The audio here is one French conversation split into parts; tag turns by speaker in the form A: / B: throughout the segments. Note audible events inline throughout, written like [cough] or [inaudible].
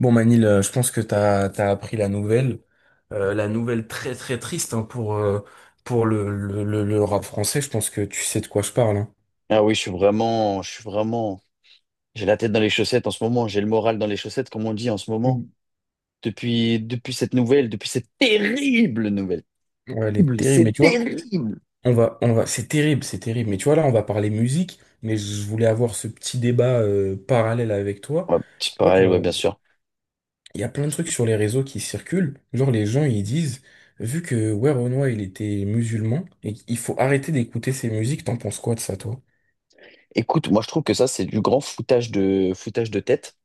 A: Bon Manil, je pense que t'as appris la nouvelle. La nouvelle très très triste hein, pour le rap français. Je pense que tu sais de quoi je parle, hein.
B: Ah oui, je suis vraiment, j'ai la tête dans les chaussettes en ce moment, j'ai le moral dans les chaussettes, comme on dit en ce moment.
A: Mm.
B: Depuis cette nouvelle, depuis cette terrible nouvelle.
A: Ouais, elle est
B: Terrible,
A: terrible. Mais
B: c'est
A: tu vois,
B: terrible.
A: on va, c'est terrible, c'est terrible. Mais tu vois là, on va parler musique. Mais je voulais avoir ce petit débat parallèle avec toi.
B: Ouais, petit
A: Tu vois,
B: parallèle, ouais,
A: genre,
B: bien sûr.
A: il y a plein de trucs sur les réseaux qui circulent. Genre les gens ils disent, vu que ouais Renoir il était musulman, et il faut arrêter d'écouter ses musiques. T'en penses quoi de ça, toi?
B: Écoute, moi je trouve que ça, c'est du grand foutage de tête.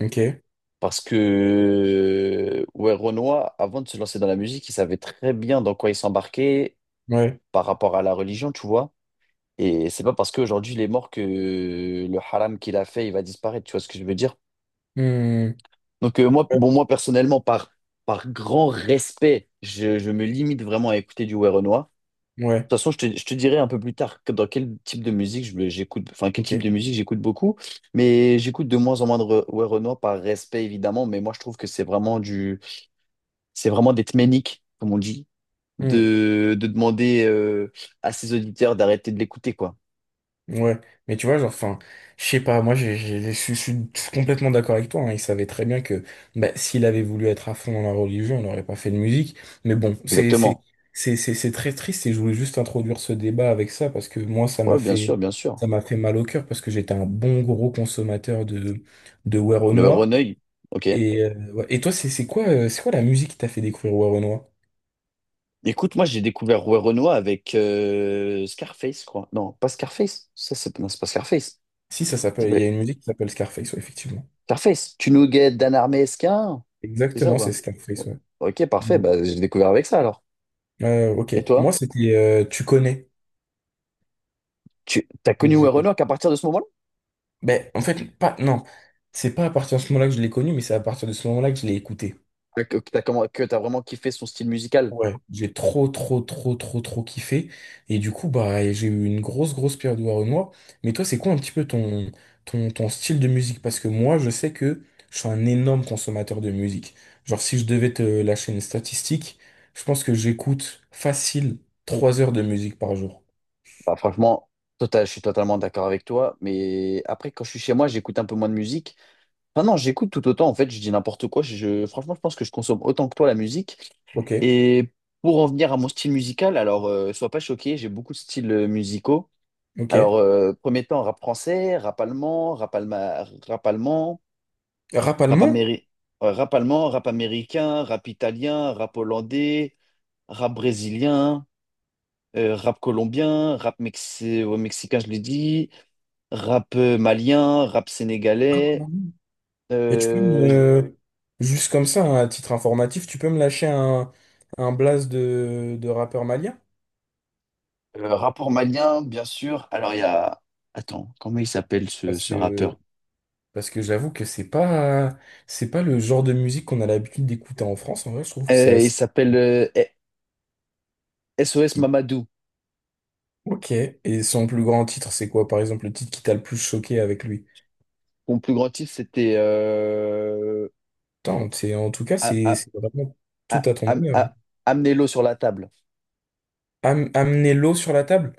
A: Ok.
B: Parce que, ouais, Renoir, avant de se lancer dans la musique, il savait très bien dans quoi il s'embarquait
A: Ouais.
B: par rapport à la religion, tu vois. Et c'est pas parce qu'aujourd'hui il est mort que le haram qu'il a fait, il va disparaître, tu vois ce que je veux dire?
A: Hmm.
B: Donc moi, bon, moi personnellement, par grand respect, je me limite vraiment à écouter du ouais Renoir.
A: Ouais,
B: De toute façon, je te dirai un peu plus tard dans quel type de musique j'écoute, enfin quel
A: ok.
B: type de musique j'écoute beaucoup, mais j'écoute de moins en moins de ouais Renoir par respect évidemment, mais moi je trouve que c'est vraiment d'être ménique, comme on dit,
A: Hmm.
B: de demander à ses auditeurs d'arrêter de l'écouter quoi.
A: Ouais, mais tu vois, genre, enfin, je sais pas, moi, je suis complètement d'accord avec toi, hein. Il savait très bien que bah, s'il avait voulu être à fond dans la religion, on n'aurait pas fait de musique, mais bon, c'est, c'est,
B: Exactement.
A: c'est, c'est c'est très triste et je voulais juste introduire ce débat avec ça parce que moi,
B: Ouais, bien sûr, bien sûr.
A: ça m'a fait mal au cœur parce que j'étais un bon gros consommateur de
B: Le ouais
A: Werenoi.
B: Renoir, ok.
A: Et, ouais. Et toi, c'est quoi, c'est quoi la musique qui t'a fait découvrir Werenoi?
B: Écoute, moi j'ai découvert Rouet Renoir avec Scarface, quoi. Non, pas Scarface. Ça, c'est non, c'est pas Scarface.
A: Si, ça
B: Ça
A: s'appelle, il y a
B: s'appelle
A: une musique qui s'appelle Scarface, ouais, effectivement.
B: Scarface. Tu nous guettes Dan Esquin. C'est ça ou
A: Exactement, c'est
B: pas?
A: Scarface,
B: O-
A: ouais.
B: Ok, parfait.
A: Mmh.
B: Bah, j'ai découvert avec ça alors.
A: Ok.
B: Et
A: Moi,
B: toi?
A: c'était Tu connais.
B: Tu t'as connu Rouet
A: Je-
B: Renoir qu'à partir de ce moment-là?
A: Ben, en fait, pas, non. C'est pas à partir de ce moment-là que je l'ai connu, mais c'est à partir de ce moment-là que je l'ai écouté.
B: Que t'as que t'as vraiment kiffé son style musical?
A: Ouais, j'ai trop, trop kiffé. Et du coup, bah, j'ai eu une grosse, grosse période de Renoir. Mais toi, c'est quoi un petit peu ton, ton, ton style de musique? Parce que moi, je sais que je suis un énorme consommateur de musique. Genre, si je devais te lâcher une statistique, je pense que j'écoute facile 3 heures de musique par jour.
B: Bah, franchement, je suis totalement d'accord avec toi. Mais après, quand je suis chez moi, j'écoute un peu moins de musique. Enfin non, j'écoute tout autant, en fait, je dis n'importe quoi. Franchement, je pense que je consomme autant que toi la musique.
A: Ok,
B: Et pour en venir à mon style musical, alors sois pas choqué, j'ai beaucoup de styles musicaux.
A: ok.
B: Alors, premier temps, rap français, rap allemand, rap, rap allemand,
A: Rap
B: rap,
A: allemand?
B: rap allemand, rap américain, rap italien, rap hollandais, rap brésilien, rap colombien, rap mexicain, je l'ai dit, rap malien, rap
A: Rap
B: sénégalais.
A: allemand. Et tu peux
B: Euh,
A: me, juste comme ça, hein, à titre informatif, tu peux me lâcher un blast de rappeur malien?
B: Rapport malien, bien sûr. Alors, il y a... Attends, comment il s'appelle ce,
A: Parce
B: ce rappeur?
A: que, parce que j'avoue que c'est pas le genre de musique qu'on a l'habitude d'écouter en France. En vrai, je trouve que c'est
B: Il
A: assez.
B: s'appelle SOS
A: [laughs]
B: Mamadou.
A: Ok. Et son plus grand titre, c'est quoi, par exemple, le titre qui t'a le plus choqué avec lui?
B: Mon plus grand titre, c'était
A: Attends, c'est, en tout cas,
B: A-
A: c'est
B: A-
A: c'est vraiment tout
B: A-
A: à ton
B: Am-
A: honneur, hein.
B: A- Amenez-l'eau sur la table.
A: Am- amener l'eau sur la table?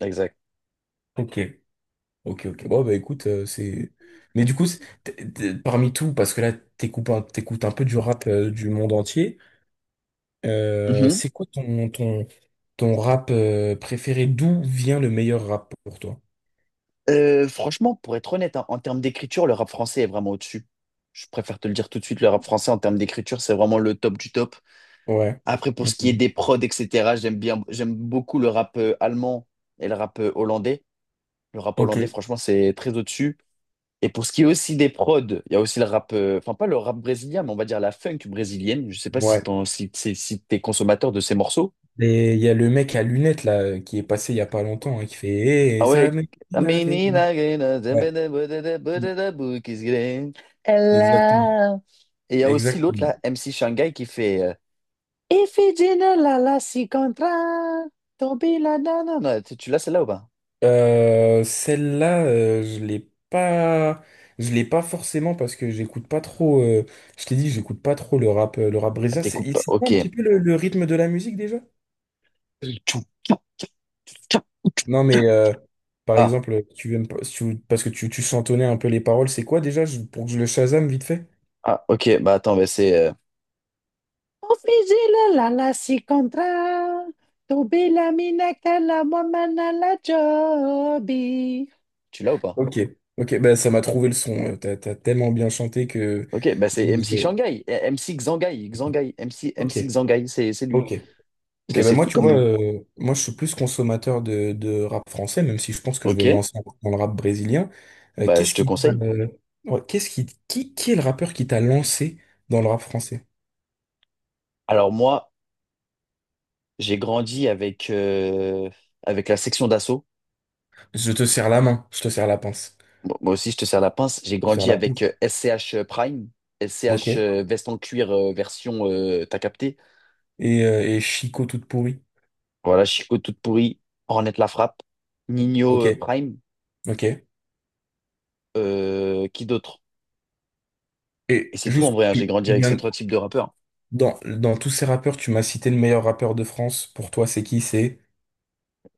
B: Exact.
A: Ok, ok, ok. Bon, bah écoute, c'est. Mais du coup, t'es- parmi tout, parce que là, t'écoutes un peu du rap du monde entier,
B: Mhm.
A: c'est quoi ton, ton, ton rap préféré? D'où vient le meilleur rap pour toi?
B: Franchement, pour être honnête, hein, en termes d'écriture, le rap français est vraiment au-dessus. Je préfère te le dire tout de suite, le rap français en termes d'écriture, c'est vraiment le top du top.
A: Ouais.
B: Après, pour ce qui est
A: Mhm.
B: des prods, etc., j'aime bien, j'aime beaucoup le rap allemand et le rap hollandais. Le rap
A: Ok.
B: hollandais, franchement, c'est très au-dessus. Et pour ce qui est aussi des prods, il y a aussi le rap, enfin pas le rap brésilien, mais on va dire la funk brésilienne. Je sais pas si
A: Ouais.
B: si t'es consommateur de ces morceaux.
A: Et il y a le mec à lunettes, là, qui est passé il y a pas longtemps, hein, qui fait Eh,
B: Ah ouais. A
A: il avait-
B: menina grena,
A: Ouais.
B: zambada, bodada,
A: Mm.
B: bodada, bukis green.
A: Exactement.
B: Ella. Et il y a aussi l'autre
A: Exactement.
B: là, MC Shanghai, qui fait Ifigenia la la si contra, tombi la na na na. Tu l'as celle-là ou pas?
A: Celle-là, je l'ai pas forcément parce que j'écoute pas trop, je t'ai dit, j'écoute pas trop le rap
B: Ah,
A: brésilien. C'est
B: t'écoutes
A: et
B: pas.
A: c'est quoi
B: Ok.
A: un petit peu le rythme de la musique déjà? Non, mais par
B: Ah.
A: exemple, tu aimes pas- si tu- parce que tu chantonnais un peu les paroles. C'est quoi déjà pour que je le Shazam vite fait?
B: Ah, ok, bah attends, mais c'est. Officile la la la si contra, tu bilamina la wamana la jobi. Tu l'as ou pas?
A: Ok, ok, bah ça m'a trouvé le son. T'as, t'as tellement bien chanté que.
B: Ok, bah
A: je-
B: c'est MC
A: je-
B: Shanghai, MC Xangai, Xangai, MC,
A: Ok,
B: MC Xangai, c'est lui.
A: ok, ok.
B: C'est
A: Ben
B: c'est
A: moi,
B: fou
A: tu
B: quand
A: vois,
B: même.
A: moi, je suis plus consommateur de rap français, même si je pense que je
B: Ok,
A: vais me lancer dans le rap brésilien. Euh,
B: bah je
A: qu'est-ce
B: te
A: qui, t'a,
B: conseille.
A: euh, ouais, qu'est-ce qui est le rappeur qui t'a lancé dans le rap français?
B: Alors moi, j'ai grandi avec la section d'assaut.
A: Je te serre la main, je te serre la pince.
B: Bon, moi aussi, je te sers la pince. J'ai
A: Je te serre
B: grandi
A: la
B: avec
A: pince.
B: SCH Prime, SCH
A: Ok.
B: veste en cuir version, t'as capté?
A: Et Chico toute pourrie.
B: Voilà, Chico toute pourrie, Ornette la frappe, Nino
A: Ok,
B: Prime,
A: ok.
B: qui d'autre? Et
A: Et
B: c'est tout en
A: juste,
B: vrai, hein, j'ai grandi avec ces trois types de rappeurs.
A: dans, dans tous ces rappeurs, tu m'as cité le meilleur rappeur de France. Pour toi, c'est qui?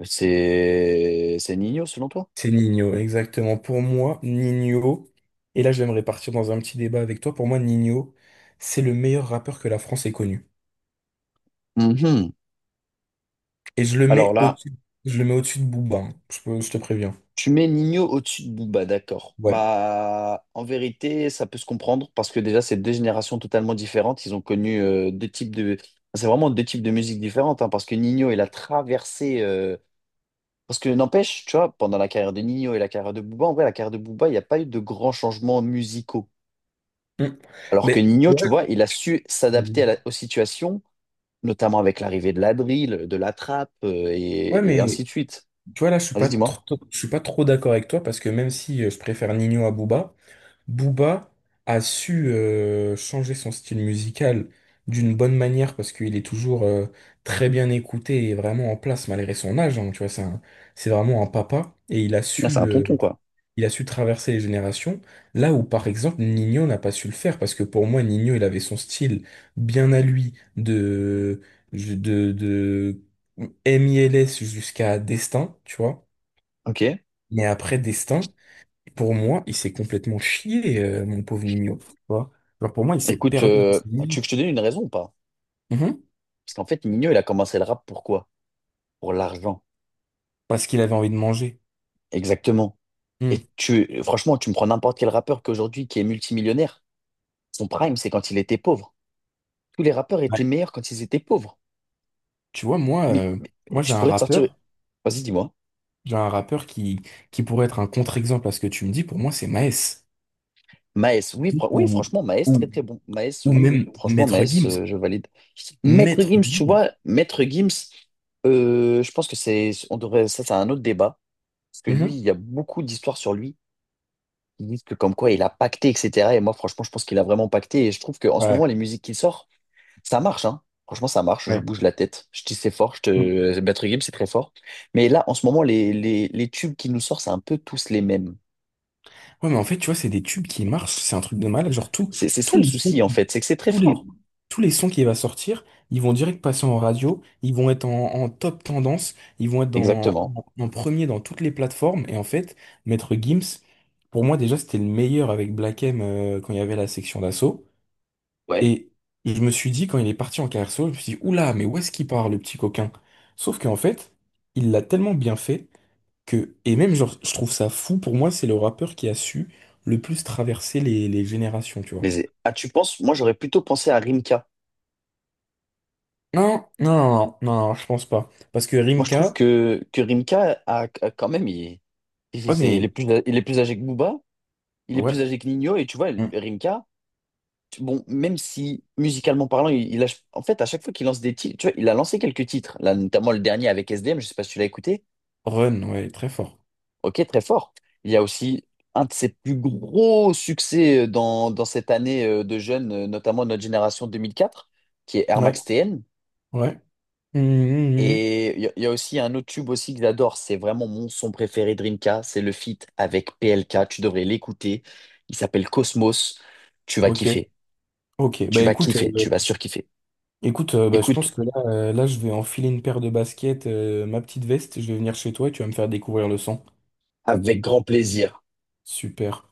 B: C'est Nino selon toi?
A: C'est Nino, exactement. Pour moi, Nino, et là j'aimerais partir dans un petit débat avec toi. Pour moi, Nino, c'est le meilleur rappeur que la France ait connu.
B: Mhm.
A: Et je le
B: Alors
A: mets
B: là,
A: au-dessus, je le mets au-dessus de Booba, hein. Je te préviens.
B: tu mets Nino au-dessus de Booba, d'accord.
A: Ouais.
B: Bah, en vérité, ça peut se comprendre parce que déjà, c'est deux générations totalement différentes. Ils ont connu deux types de... enfin, c'est vraiment deux types de musique différentes, hein, parce que Nino, il a traversé. Parce que n'empêche, tu vois, pendant la carrière de Nino et la carrière de Booba, en vrai, la carrière de Booba, il n'y a pas eu de grands changements musicaux.
A: Mm.
B: Alors que
A: Mais tu
B: Nino, tu
A: vois,
B: vois, il a su s'adapter à
A: mm,
B: aux situations, notamment avec l'arrivée de la drill, de la trappe,
A: ouais,
B: et ainsi
A: mais
B: de suite.
A: tu vois là,
B: Vas-y, dis-moi.
A: je suis pas trop d'accord avec toi parce que même si je préfère Nino à Booba, Booba a su changer son style musical d'une bonne manière parce qu'il est toujours très bien écouté et vraiment en place malgré son âge, hein. Tu vois, c'est vraiment un papa et il a
B: Là, c'est un tonton, quoi.
A: il a su traverser les générations. Là où par exemple Nino n'a pas su le faire parce que pour moi Nino il avait son style bien à lui de de MILS jusqu'à Destin, tu vois.
B: Ok.
A: Mais après Destin. Et pour moi, il s'est complètement chié, mon pauvre Nino, tu vois. Alors pour moi, il s'est
B: Écoute,
A: perdu dans sa
B: tu veux que je
A: musique.
B: te donne une raison ou pas?
A: Mhm.
B: Parce qu'en fait, Nino, il a commencé le rap pour quoi? Pour l'argent.
A: Parce qu'il avait envie de manger.
B: Exactement.
A: Mm.
B: Et franchement, tu me prends n'importe quel rappeur qu'aujourd'hui qui est multimillionnaire. Son prime, c'est quand il était pauvre. Tous les rappeurs
A: Ouais.
B: étaient meilleurs quand ils étaient pauvres.
A: Tu vois, moi,
B: Mais- mais-
A: moi
B: mais je pourrais te sortir. Vas-y, dis-moi.
A: j'ai un rappeur qui pourrait être un contre-exemple à ce que tu me dis. Pour moi, c'est Maes.
B: Maes, oui, oui,
A: Ou,
B: franchement, Maes, très
A: ou,
B: très bon. Maes,
A: ou
B: oui, oui,
A: même
B: franchement,
A: Maître
B: Maes,
A: Gims.
B: je valide. Maître
A: Maître
B: Gims, tu
A: Gims.
B: vois, Maître Gims, je pense que c'est, on devrait, ça, c'est un autre débat. Parce que
A: Mhm.
B: lui, il y a beaucoup d'histoires sur lui qui disent que comme quoi il a pacté, etc. Et moi, franchement, je pense qu'il a vraiment pacté. Et je trouve qu'en ce
A: Ouais,
B: moment, les musiques qu'il sort, ça marche, hein. Franchement, ça marche. Je
A: ouais.
B: bouge la tête. Je dis c'est fort. Je
A: Mm.
B: te... Maître Gims, c'est très fort. Mais là, en ce moment, les tubes qu'il nous sort, c'est un peu tous les mêmes.
A: Ouais, mais en fait, tu vois, c'est des tubes qui marchent. C'est un truc de malade. Genre, tout,
B: C'est ça
A: tous
B: le
A: les sons,
B: souci, en fait, c'est que c'est très
A: tous les,
B: fort.
A: tous les sons qui va sortir, ils vont direct passer en radio, ils vont être en, en top tendance, ils vont être dans,
B: Exactement.
A: en, en premier dans toutes les plateformes. Et en fait, Maître Gims, pour moi déjà, c'était le meilleur avec Black M quand il y avait la section d'assaut.
B: Ouais.
A: Et je me suis dit, quand il est parti en carrière solo, je me suis dit, oula, mais où est-ce qu'il part, le petit coquin? Sauf qu'en fait, il l'a tellement bien fait que, et même genre, je trouve ça fou, pour moi, c'est le rappeur qui a su le plus traverser les générations, tu vois.
B: Les... Ah, tu penses? Moi, j'aurais plutôt pensé à Rimka.
A: Non, non, non, non, non, je pense pas. Parce que
B: Moi, je trouve
A: Rimka,
B: que Rimka quand même,
A: oh mais,
B: il est plus âgé que Booba, il est
A: ouais,
B: plus âgé que Nino, et tu vois,
A: hmm,
B: Rimka, bon, même si musicalement parlant, en fait, à chaque fois qu'il lance des titres, tu vois, il a lancé quelques titres, là, notamment le dernier avec S D SDM, je sais pas si tu l'as écouté,
A: Run, ouais, très fort.
B: ok, très fort. Il y a aussi un de ses plus gros succès dans cette année de jeunes, notamment notre génération 2004, qui est Air
A: Ouais,
B: Max TN.
A: ouais. Hmm, hmm,
B: Et il y a aussi un autre tube aussi que j'adore, c'est vraiment mon son préféré Drinka. C'est le feat avec PLK, tu devrais l'écouter. Il s'appelle Cosmos, tu
A: hmm.
B: vas
A: Ok,
B: kiffer,
A: ok. Bah
B: tu vas
A: écoute,
B: kiffer, tu vas surkiffer.
A: bah, je
B: Écoute,
A: pense que là, là, je vais enfiler une paire de baskets, ma petite veste, je vais venir chez toi et tu vas me faire découvrir le son.
B: avec grand plaisir.
A: Super.